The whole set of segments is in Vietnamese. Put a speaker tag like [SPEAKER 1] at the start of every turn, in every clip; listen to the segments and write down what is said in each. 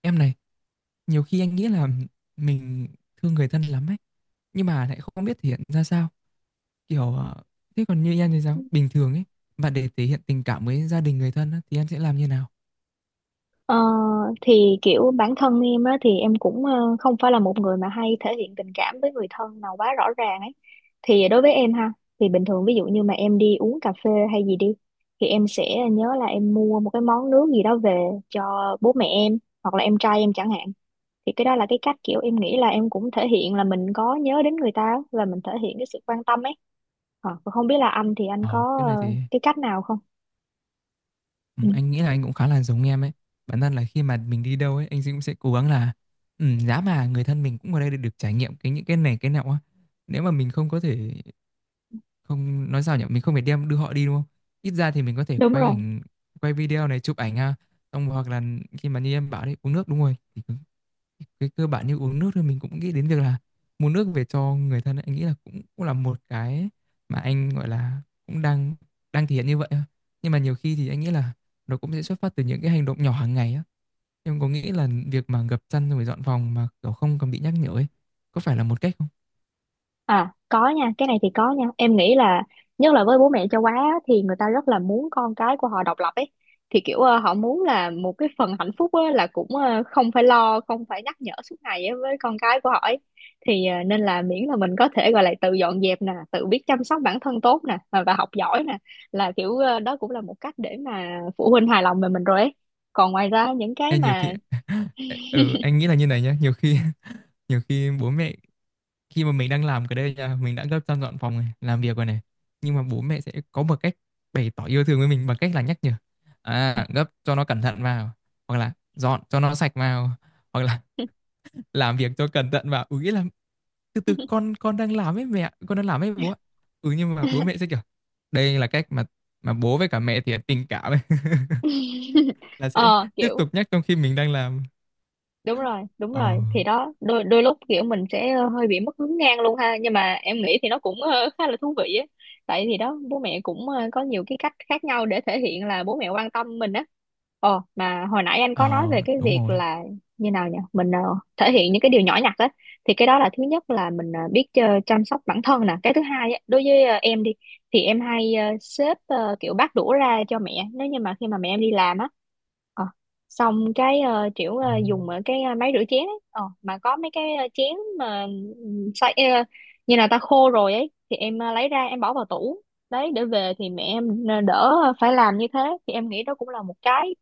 [SPEAKER 1] Em này, nhiều khi anh nghĩ là mình thương người thân lắm ấy, nhưng mà lại không biết thể hiện ra sao. Kiểu thế còn như em thì sao? Bình thường ấy, mà để thể hiện tình cảm với gia đình người thân á, thì em sẽ làm như nào?
[SPEAKER 2] Ờ, thì kiểu bản thân em á thì em cũng không phải là một người mà hay thể hiện tình cảm với người thân nào quá rõ ràng ấy, thì đối với em ha thì bình thường, ví dụ như mà em đi uống cà phê hay gì đi thì em sẽ nhớ là em mua một cái món nước gì đó về cho bố mẹ em hoặc là em trai em chẳng hạn. Thì cái đó là cái cách kiểu em nghĩ là em cũng thể hiện là mình có nhớ đến người ta và mình thể hiện cái sự quan tâm ấy. Ờ, không biết là anh thì anh
[SPEAKER 1] Ờ,
[SPEAKER 2] có
[SPEAKER 1] cái này thì
[SPEAKER 2] cái cách nào không?
[SPEAKER 1] ừ,
[SPEAKER 2] Ừ,
[SPEAKER 1] anh nghĩ là anh cũng khá là giống em ấy. Bản thân là khi mà mình đi đâu ấy, anh cũng sẽ cố gắng là giá mà người thân mình cũng ở đây để được trải nghiệm cái những cái này cái nọ á. Nếu mà mình không có thể không nói sao nhỉ, mình không phải đem đưa họ đi đúng không, ít ra thì mình có thể
[SPEAKER 2] đúng
[SPEAKER 1] quay
[SPEAKER 2] rồi.
[SPEAKER 1] ảnh, quay video này, chụp ảnh ha, xong hoặc là khi mà như em bảo đấy uống nước đúng rồi thì cái cơ bản như uống nước thì mình cũng nghĩ đến việc là mua nước về cho người thân ấy. Anh nghĩ là cũng cũng là một cái mà anh gọi là cũng đang đang thể hiện như vậy á. Nhưng mà nhiều khi thì anh nghĩ là nó cũng sẽ xuất phát từ những cái hành động nhỏ hàng ngày á. Em có nghĩ là việc mà gập chăn rồi dọn phòng mà kiểu không cần bị nhắc nhở ấy có phải là một cách không?
[SPEAKER 2] À có nha, cái này thì có nha. Em nghĩ là nhất là với bố mẹ châu Á á, thì người ta rất là muốn con cái của họ độc lập ấy. Thì kiểu họ muốn là một cái phần hạnh phúc á, là cũng không phải lo, không phải nhắc nhở suốt ngày á, với con cái của họ ấy. Thì nên là miễn là mình có thể gọi là tự dọn dẹp nè, tự biết chăm sóc bản thân tốt nè và học giỏi nè là kiểu đó cũng là một cách để mà phụ huynh hài lòng về mình rồi ấy. Còn ngoài ra những cái
[SPEAKER 1] Em nhiều
[SPEAKER 2] mà
[SPEAKER 1] khi ừ, anh nghĩ là như này nhá, nhiều khi bố mẹ khi mà mình đang làm cái đây nha, mình đã gấp sang dọn phòng này, làm việc rồi này, nhưng mà bố mẹ sẽ có một cách bày tỏ yêu thương với mình bằng cách là nhắc nhở à, gấp cho nó cẩn thận vào, hoặc là dọn cho nó sạch vào, hoặc là làm việc cho cẩn thận vào, nghĩa là từ từ con đang làm ấy mẹ, con đang làm ấy bố ạ. Nhưng mà bố mẹ sẽ kiểu đây là cách mà bố với cả mẹ thì tình cảm ấy là sẽ
[SPEAKER 2] ờ
[SPEAKER 1] tiếp
[SPEAKER 2] kiểu
[SPEAKER 1] tục nhắc trong khi mình đang làm.
[SPEAKER 2] đúng rồi, đúng
[SPEAKER 1] ờ
[SPEAKER 2] rồi. Thì đó đôi đôi lúc kiểu mình sẽ hơi bị mất hứng ngang luôn ha, nhưng mà em nghĩ thì nó cũng khá là thú vị á, tại thì đó bố mẹ cũng có nhiều cái cách khác nhau để thể hiện là bố mẹ quan tâm mình á. Ồ, mà hồi nãy anh có nói
[SPEAKER 1] ờ
[SPEAKER 2] về cái
[SPEAKER 1] Đúng
[SPEAKER 2] việc
[SPEAKER 1] rồi.
[SPEAKER 2] là như nào nhỉ? Mình thể hiện những cái điều nhỏ nhặt á, thì cái đó là thứ nhất là mình biết chăm sóc bản thân nè, cái thứ hai á, đối với em đi thì em hay xếp kiểu bát đũa ra cho mẹ nếu như mà khi mà mẹ em đi làm á. ờ, Xong cái kiểu
[SPEAKER 1] ừ,
[SPEAKER 2] dùng ở cái máy rửa chén ấy. Ờ, mà có mấy cái chén mà xay như là ta khô rồi ấy thì em lấy ra, em bỏ vào tủ đấy, để về thì mẹ em đỡ phải làm như thế. Thì em nghĩ đó cũng là một cái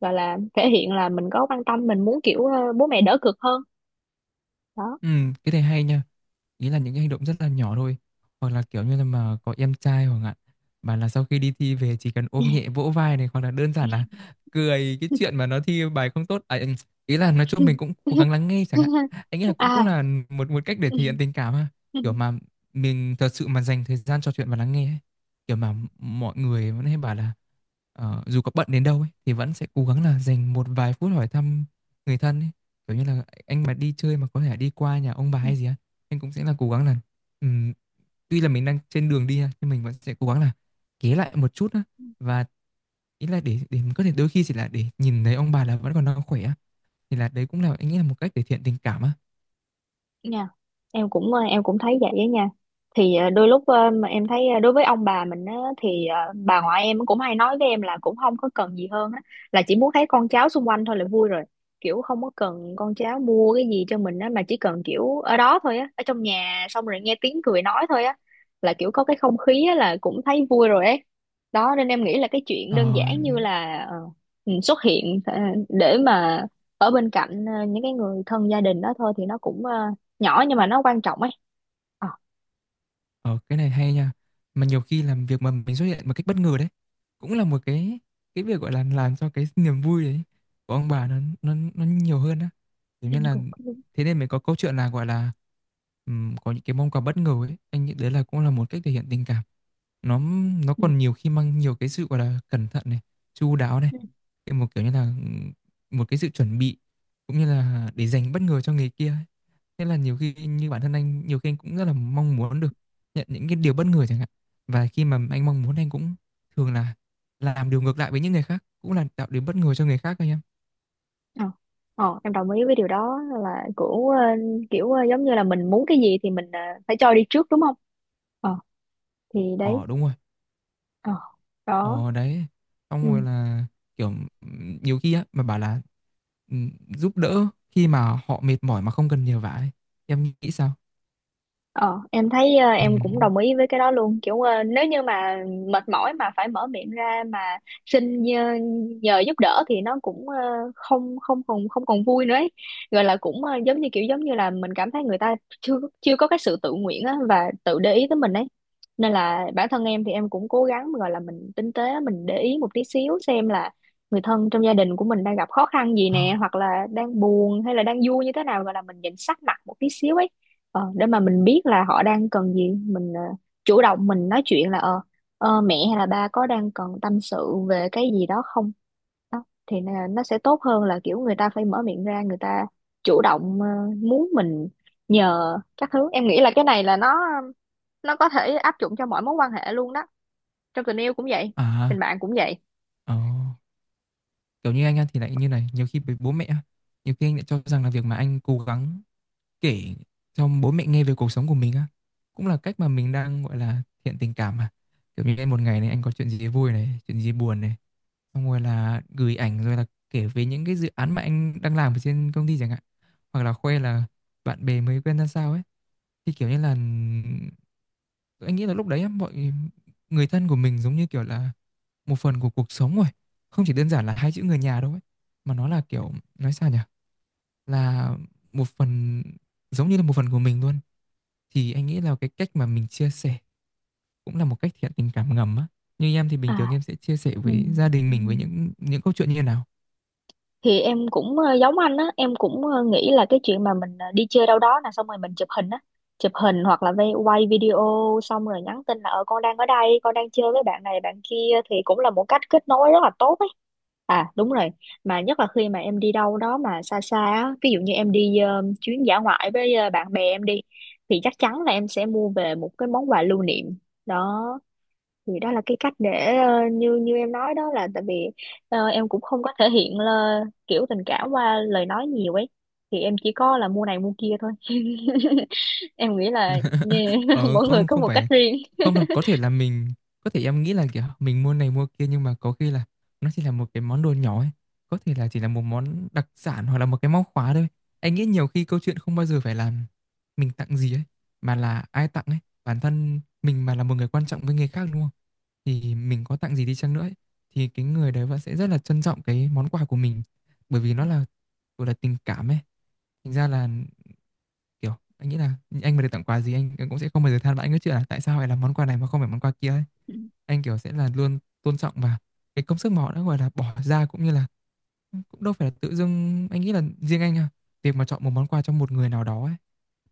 [SPEAKER 2] gọi là thể hiện là mình có quan tâm, mình muốn kiểu bố mẹ đỡ cực hơn đó.
[SPEAKER 1] Ừ, cái này hay nha. Ý là những cái hành động rất là nhỏ thôi, hoặc là kiểu như là mà có em trai, hoặc là bảo là sau khi đi thi về chỉ cần ôm nhẹ vỗ vai này, hoặc là đơn giản là cười cái chuyện mà nó thi bài không tốt à, ý là nói chung mình cũng cố gắng lắng nghe chẳng hạn. Anh nghĩ là cũng cũng
[SPEAKER 2] À.
[SPEAKER 1] là một một cách để thể hiện tình cảm ha, kiểu mà mình thật sự mà dành thời gian trò chuyện và lắng nghe ấy. Kiểu mà mọi người vẫn hay bảo là dù có bận đến đâu ấy, thì vẫn sẽ cố gắng là dành một vài phút hỏi thăm người thân ấy. Kiểu như là anh mà đi chơi mà có thể đi qua nhà ông bà hay gì á, anh cũng sẽ là cố gắng là ừm, tuy là mình đang trên đường đi ha, nhưng mình vẫn sẽ cố gắng là ghé lại một chút á, và ý là để có thể đôi khi chỉ là để nhìn thấy ông bà là vẫn còn đang khỏe á, thì là đấy cũng là anh nghĩ là một cách thể hiện tình cảm á.
[SPEAKER 2] Nha, em cũng em cũng thấy vậy á nha. Thì đôi lúc mà em thấy đối với ông bà mình á thì bà ngoại em cũng hay nói với em là cũng không có cần gì hơn á, là chỉ muốn thấy con cháu xung quanh thôi là vui rồi. Kiểu không có cần con cháu mua cái gì cho mình á, mà chỉ cần kiểu ở đó thôi á, ở trong nhà, xong rồi nghe tiếng cười nói thôi á, là kiểu có cái không khí á là cũng thấy vui rồi ấy. Đó, nên em nghĩ là cái chuyện
[SPEAKER 1] Ờ,
[SPEAKER 2] đơn giản như là xuất hiện để mà ở bên cạnh những cái người thân gia đình đó thôi, thì nó cũng nhỏ nhưng mà nó quan trọng ấy. ờ
[SPEAKER 1] Ờ, cái này hay nha. Mà nhiều khi làm việc mà mình xuất hiện một cách bất ngờ đấy, cũng là một cái việc gọi là làm cho cái niềm vui đấy của ông bà nó nhiều hơn á. Thế
[SPEAKER 2] em
[SPEAKER 1] nên là
[SPEAKER 2] cũng có, đúng.
[SPEAKER 1] Thế nên mới có câu chuyện là gọi là có những cái món quà bất ngờ ấy, anh nghĩ đấy là cũng là một cách thể hiện tình cảm. Nó nó
[SPEAKER 2] Ừ.
[SPEAKER 1] còn nhiều khi mang nhiều cái sự gọi là cẩn thận này, chu đáo này,
[SPEAKER 2] Ừ.
[SPEAKER 1] cái một kiểu như là một cái sự chuẩn bị cũng như là để dành bất ngờ cho người kia ấy. Thế là nhiều khi như bản thân anh, nhiều khi anh cũng rất là mong muốn được nhận những cái điều bất ngờ chẳng hạn, và khi mà anh mong muốn, anh cũng thường là làm điều ngược lại với những người khác, cũng là tạo điều bất ngờ cho người khác thôi em.
[SPEAKER 2] ờ Ờ, em đồng ý với điều đó là kiểu giống như là mình muốn cái gì thì mình phải cho đi trước đúng không. ờ thì đấy.
[SPEAKER 1] Ờ, đúng rồi.
[SPEAKER 2] ờ Đó.
[SPEAKER 1] Ờ Đấy,
[SPEAKER 2] Ừ.
[SPEAKER 1] xong rồi là kiểu nhiều khi á mà bảo là ừm, giúp đỡ khi mà họ mệt mỏi mà không cần nhờ vả ấy. Em nghĩ sao?
[SPEAKER 2] Ờ, em thấy
[SPEAKER 1] Ừ.
[SPEAKER 2] em cũng đồng ý với cái đó luôn, kiểu nếu như mà mệt mỏi mà phải mở miệng ra mà xin nhờ, nhờ giúp đỡ thì nó cũng không không còn không còn vui nữa ấy. Gọi là cũng giống như kiểu, giống như là mình cảm thấy người ta chưa chưa có cái sự tự nguyện á, và tự để ý tới mình ấy. Nên là bản thân em thì em cũng cố gắng gọi là mình tinh tế, mình để ý một tí xíu xem là người thân trong gia đình của mình đang gặp khó khăn gì
[SPEAKER 1] Ờ.
[SPEAKER 2] nè, hoặc là đang buồn hay là đang vui như thế nào, gọi là mình nhìn sắc mặt một tí xíu ấy, để mà mình biết là họ đang cần gì. Mình chủ động mình nói chuyện là mẹ hay là ba có đang cần tâm sự về cái gì đó không. Đó, thì là nó sẽ tốt hơn là kiểu người ta phải mở miệng ra, người ta chủ động muốn mình nhờ các thứ. Em nghĩ là cái này là nó có thể áp dụng cho mọi mối quan hệ luôn đó, trong tình yêu cũng vậy, tình
[SPEAKER 1] À.
[SPEAKER 2] bạn cũng vậy.
[SPEAKER 1] Ờ. Kiểu như anh á thì lại như này, nhiều khi với bố mẹ á, nhiều khi anh lại cho rằng là việc mà anh cố gắng kể cho bố mẹ nghe về cuộc sống của mình á cũng là cách mà mình đang gọi là thiện tình cảm mà, kiểu như em một ngày này anh có chuyện gì vui này, chuyện gì buồn này, xong rồi là gửi ảnh, rồi là kể về những cái dự án mà anh đang làm ở trên công ty chẳng hạn, hoặc là khoe là bạn bè mới quen ra sao ấy. Thì kiểu như là anh nghĩ là lúc đấy á, mọi người thân của mình giống như kiểu là một phần của cuộc sống rồi, không chỉ đơn giản là hai chữ người nhà đâu ấy, mà nó là kiểu nói sao nhỉ, là một phần, giống như là một phần của mình luôn. Thì anh nghĩ là cái cách mà mình chia sẻ cũng là một cách thiện tình cảm ngầm á. Như em thì bình
[SPEAKER 2] À.
[SPEAKER 1] thường em sẽ chia sẻ
[SPEAKER 2] Ừ.
[SPEAKER 1] với gia đình
[SPEAKER 2] Ừ.
[SPEAKER 1] mình với những câu chuyện như thế nào?
[SPEAKER 2] Thì em cũng giống anh á, em cũng nghĩ là cái chuyện mà mình đi chơi đâu đó là xong rồi mình chụp hình á, chụp hình hoặc là vay- quay video, xong rồi nhắn tin là ờ con đang ở đây, con đang chơi với bạn này bạn kia, thì cũng là một cách kết nối rất là tốt ấy. À đúng rồi, mà nhất là khi mà em đi đâu đó mà xa xa á, ví dụ như em đi chuyến dã ngoại với bạn bè em đi, thì chắc chắn là em sẽ mua về một cái món quà lưu niệm. Đó, thì đó là cái cách để như như em nói đó, là tại vì em cũng không có thể hiện là kiểu tình cảm qua lời nói nhiều ấy, thì em chỉ có là mua này mua kia thôi. Em nghĩ là yeah,
[SPEAKER 1] Ờ,
[SPEAKER 2] mỗi người
[SPEAKER 1] không
[SPEAKER 2] có
[SPEAKER 1] không
[SPEAKER 2] một cách
[SPEAKER 1] phải,
[SPEAKER 2] riêng.
[SPEAKER 1] không đâu, có thể là mình có thể, em nghĩ là kiểu mình mua này mua kia nhưng mà có khi là nó chỉ là một cái món đồ nhỏ ấy, có thể là chỉ là một món đặc sản hoặc là một cái móc khóa thôi. Anh nghĩ nhiều khi câu chuyện không bao giờ phải là mình tặng gì ấy, mà là ai tặng ấy, bản thân mình mà là một người quan trọng với người khác đúng không, thì mình có tặng gì đi chăng nữa ấy, thì cái người đấy vẫn sẽ rất là trân trọng cái món quà của mình, bởi vì nó là gọi là tình cảm ấy, thành ra là kiểu anh nghĩ là anh mà được tặng quà gì, anh cũng sẽ không bao giờ than vãn cái chuyện là tại sao lại là món quà này mà không phải món quà kia ấy. Anh kiểu sẽ là luôn tôn trọng và cái công sức mà họ đã gọi là bỏ ra, cũng như là cũng đâu phải là tự dưng, anh nghĩ là riêng anh à, việc mà chọn một món quà cho một người nào đó ấy,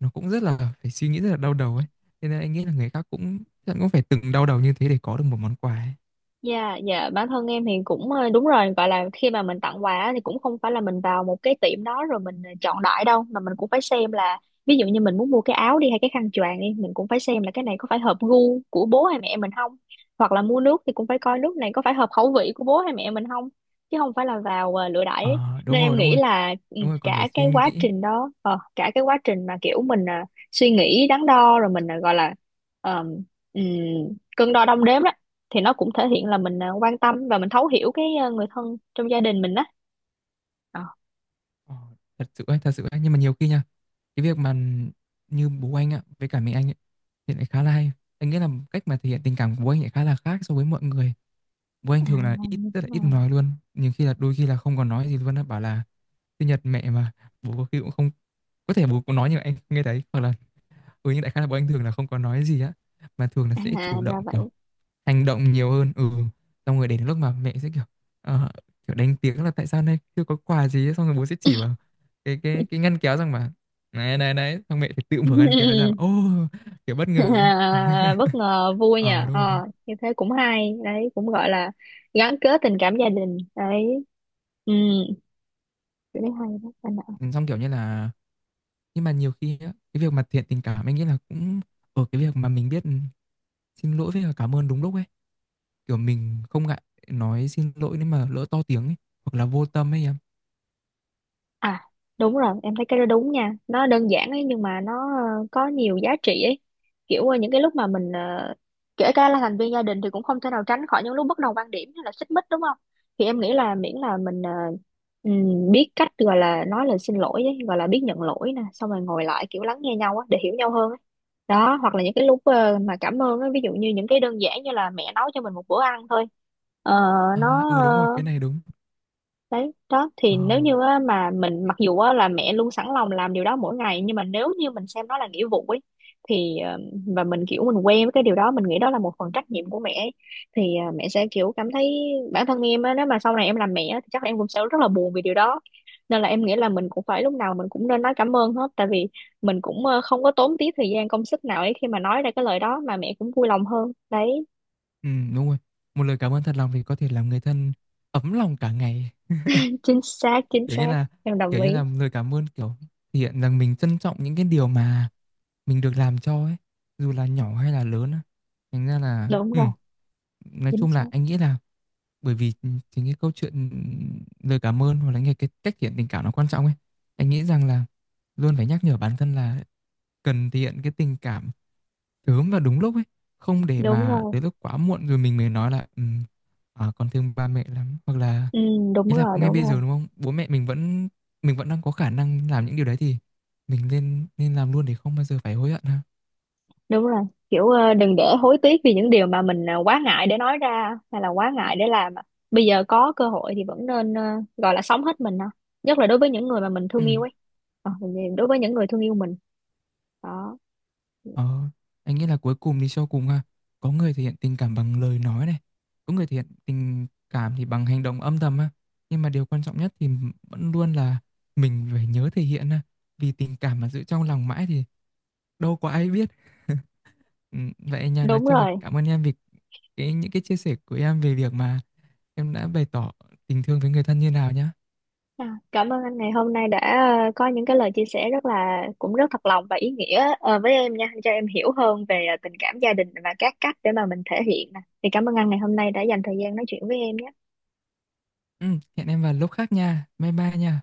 [SPEAKER 1] nó cũng rất là phải suy nghĩ, rất là đau đầu ấy, thế nên anh nghĩ là người khác cũng chắc cũng phải từng đau đầu như thế để có được một món quà ấy.
[SPEAKER 2] Dạ, dạ bản thân em thì cũng đúng rồi, gọi là khi mà mình tặng quà á, thì cũng không phải là mình vào một cái tiệm đó rồi mình chọn đại đâu, mà mình cũng phải xem là ví dụ như mình muốn mua cái áo đi hay cái khăn choàng đi, mình cũng phải xem là cái này có phải hợp gu của bố hay mẹ mình không, hoặc là mua nước thì cũng phải coi nước này có phải hợp khẩu vị của bố hay mẹ mình không, chứ không phải là vào lựa đại ấy.
[SPEAKER 1] Ờ, đúng
[SPEAKER 2] Nên em
[SPEAKER 1] rồi, đúng
[SPEAKER 2] nghĩ
[SPEAKER 1] rồi,
[SPEAKER 2] là ừ,
[SPEAKER 1] đúng rồi, còn phải
[SPEAKER 2] cả cái
[SPEAKER 1] suy
[SPEAKER 2] quá
[SPEAKER 1] nghĩ.
[SPEAKER 2] trình đó, cả cái quá trình mà kiểu mình suy nghĩ đắn đo, rồi mình gọi là ờ, ừm, cân đo đong đếm đó, thì nó cũng thể hiện là mình à, quan tâm và mình thấu hiểu cái à, người thân trong gia đình mình đó. Ờ.
[SPEAKER 1] Ờ, thật sự ấy, thật sự ấy. Nhưng mà nhiều khi nha, cái việc mà như bố anh ạ, với cả mẹ anh ấy, thì lại khá là hay. Anh nghĩ là cách mà thể hiện tình cảm của bố anh lại khá là khác so với mọi người. Bố anh
[SPEAKER 2] À
[SPEAKER 1] thường là ít,
[SPEAKER 2] như thế
[SPEAKER 1] rất là ít
[SPEAKER 2] nào.
[SPEAKER 1] nói luôn. Nhiều khi là đôi khi là không còn nói gì luôn á, bảo là sinh nhật mẹ mà bố có khi cũng không, có thể bố cũng nói nhưng mà anh không nghe thấy, hoặc là nhưng đại khái là bố anh thường là không có nói gì á, mà thường là sẽ
[SPEAKER 2] À
[SPEAKER 1] chủ
[SPEAKER 2] ra
[SPEAKER 1] động kiểu
[SPEAKER 2] vậy.
[SPEAKER 1] hành động nhiều hơn. Ừ Xong rồi đến lúc mà mẹ sẽ kiểu ờ, kiểu đánh tiếng là tại sao nay chưa có quà gì ấy. Xong rồi bố sẽ chỉ vào cái ngăn kéo rằng mà này này đấy, xong mẹ thì tự mở ngăn kéo ra và, ô, kiểu bất ngờ ấy
[SPEAKER 2] À, bất ngờ vui
[SPEAKER 1] ờ
[SPEAKER 2] nha.
[SPEAKER 1] Đúng rồi.
[SPEAKER 2] Ờ như thế cũng hay đấy, cũng gọi là gắn kết tình cảm gia đình đấy. Ừ, cái đấy hay. Đó.
[SPEAKER 1] Ừ, xong kiểu như là nhưng mà nhiều khi á, cái việc mà thiện tình cảm anh nghĩ là cũng ở cái việc mà mình biết xin lỗi với cả cảm ơn đúng lúc ấy, kiểu mình không ngại nói xin lỗi nếu mà lỡ to tiếng ấy, hoặc là vô tâm ấy em.
[SPEAKER 2] À đúng rồi, em thấy cái đó đúng nha, nó đơn giản ấy, nhưng mà nó có nhiều giá trị ấy. Kiểu những cái lúc mà mình kể cả là thành viên gia đình thì cũng không thể nào tránh khỏi những lúc bất đồng quan điểm hay là xích mích, đúng không. Thì em nghĩ là miễn là mình biết cách, gọi là nói lời xin lỗi ấy, gọi là biết nhận lỗi nè, xong rồi ngồi lại kiểu lắng nghe nhau á để hiểu nhau hơn ấy. Đó, hoặc là những cái lúc mà cảm ơn á, ví dụ như những cái đơn giản như là mẹ nấu cho mình một bữa ăn thôi. Ờ, nó
[SPEAKER 1] À. Ừ, đúng rồi, cái này đúng.
[SPEAKER 2] đấy đó,
[SPEAKER 1] Ờ.
[SPEAKER 2] thì nếu như á, mà mình, mặc dù á, là mẹ luôn sẵn lòng làm điều đó mỗi ngày, nhưng mà nếu như mình xem nó là nghĩa vụ ấy, thì và mình kiểu mình quen với cái điều đó, mình nghĩ đó là một phần trách nhiệm của mẹ ấy, thì mẹ sẽ kiểu cảm thấy, bản thân em á, nếu mà sau này em làm mẹ á, thì chắc em cũng sẽ rất là buồn vì điều đó. Nên là em nghĩ là mình cũng phải, lúc nào mình cũng nên nói cảm ơn hết, tại vì mình cũng không có tốn tí thời gian công sức nào ấy khi mà nói ra cái lời đó, mà mẹ cũng vui lòng hơn đấy.
[SPEAKER 1] Ừ, đúng rồi. Một lời cảm ơn thật lòng thì có thể làm người thân ấm lòng cả ngày.
[SPEAKER 2] Chính xác, chính
[SPEAKER 1] Kiểu như
[SPEAKER 2] xác.
[SPEAKER 1] là
[SPEAKER 2] Em đồng
[SPEAKER 1] kiểu
[SPEAKER 2] ý.
[SPEAKER 1] như là lời cảm ơn kiểu thể hiện rằng mình trân trọng những cái điều mà mình được làm cho ấy, dù là nhỏ hay là lớn á. Thành ra là
[SPEAKER 2] Đúng rồi.
[SPEAKER 1] nói
[SPEAKER 2] Chính
[SPEAKER 1] chung là
[SPEAKER 2] xác.
[SPEAKER 1] anh nghĩ là bởi vì chính cái câu chuyện lời cảm ơn, hoặc là nghe cái cách thể hiện tình cảm nó quan trọng ấy. Anh nghĩ rằng là luôn phải nhắc nhở bản thân là cần thể hiện cái tình cảm sớm và đúng lúc ấy, không để
[SPEAKER 2] Đúng
[SPEAKER 1] mà
[SPEAKER 2] rồi.
[SPEAKER 1] tới lúc quá muộn rồi mình mới nói là con thương ba mẹ lắm, hoặc là
[SPEAKER 2] Ừ, đúng
[SPEAKER 1] ý là
[SPEAKER 2] rồi,
[SPEAKER 1] ngay
[SPEAKER 2] đúng
[SPEAKER 1] bây
[SPEAKER 2] rồi,
[SPEAKER 1] giờ đúng không, bố mẹ mình vẫn đang có khả năng làm những điều đấy thì mình nên nên làm luôn để không bao giờ phải hối hận ha.
[SPEAKER 2] đúng rồi. Kiểu đừng để hối tiếc vì những điều mà mình quá ngại để nói ra hay là quá ngại để làm. Bây giờ có cơ hội thì vẫn nên gọi là sống hết mình ha, nhất là đối với những người mà mình
[SPEAKER 1] Ừ.
[SPEAKER 2] thương yêu ấy. Ờ, đối với những người thương yêu mình đó.
[SPEAKER 1] ờ, anh nghĩ là cuối cùng đi cho cùng ha, có người thể hiện tình cảm bằng lời nói này, có người thể hiện tình cảm thì bằng hành động âm thầm ha, nhưng mà điều quan trọng nhất thì vẫn luôn là mình phải nhớ thể hiện ha, vì tình cảm mà giữ trong lòng mãi thì đâu có ai biết. Ừ, vậy nha, nói
[SPEAKER 2] Đúng
[SPEAKER 1] chung là
[SPEAKER 2] rồi.
[SPEAKER 1] cảm ơn em vì những cái chia sẻ của em về việc mà em đã bày tỏ tình thương với người thân như nào nhá.
[SPEAKER 2] À, cảm ơn anh ngày hôm nay đã có những cái lời chia sẻ rất là, cũng rất thật lòng và ý nghĩa với em nha, cho em hiểu hơn về tình cảm gia đình và các cách để mà mình thể hiện nè. Thì cảm ơn anh ngày hôm nay đã dành thời gian nói chuyện với em nhé.
[SPEAKER 1] Ừ, hẹn em vào lúc khác nha. Bye bye nha.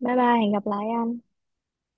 [SPEAKER 2] Bye bye, hẹn gặp lại anh.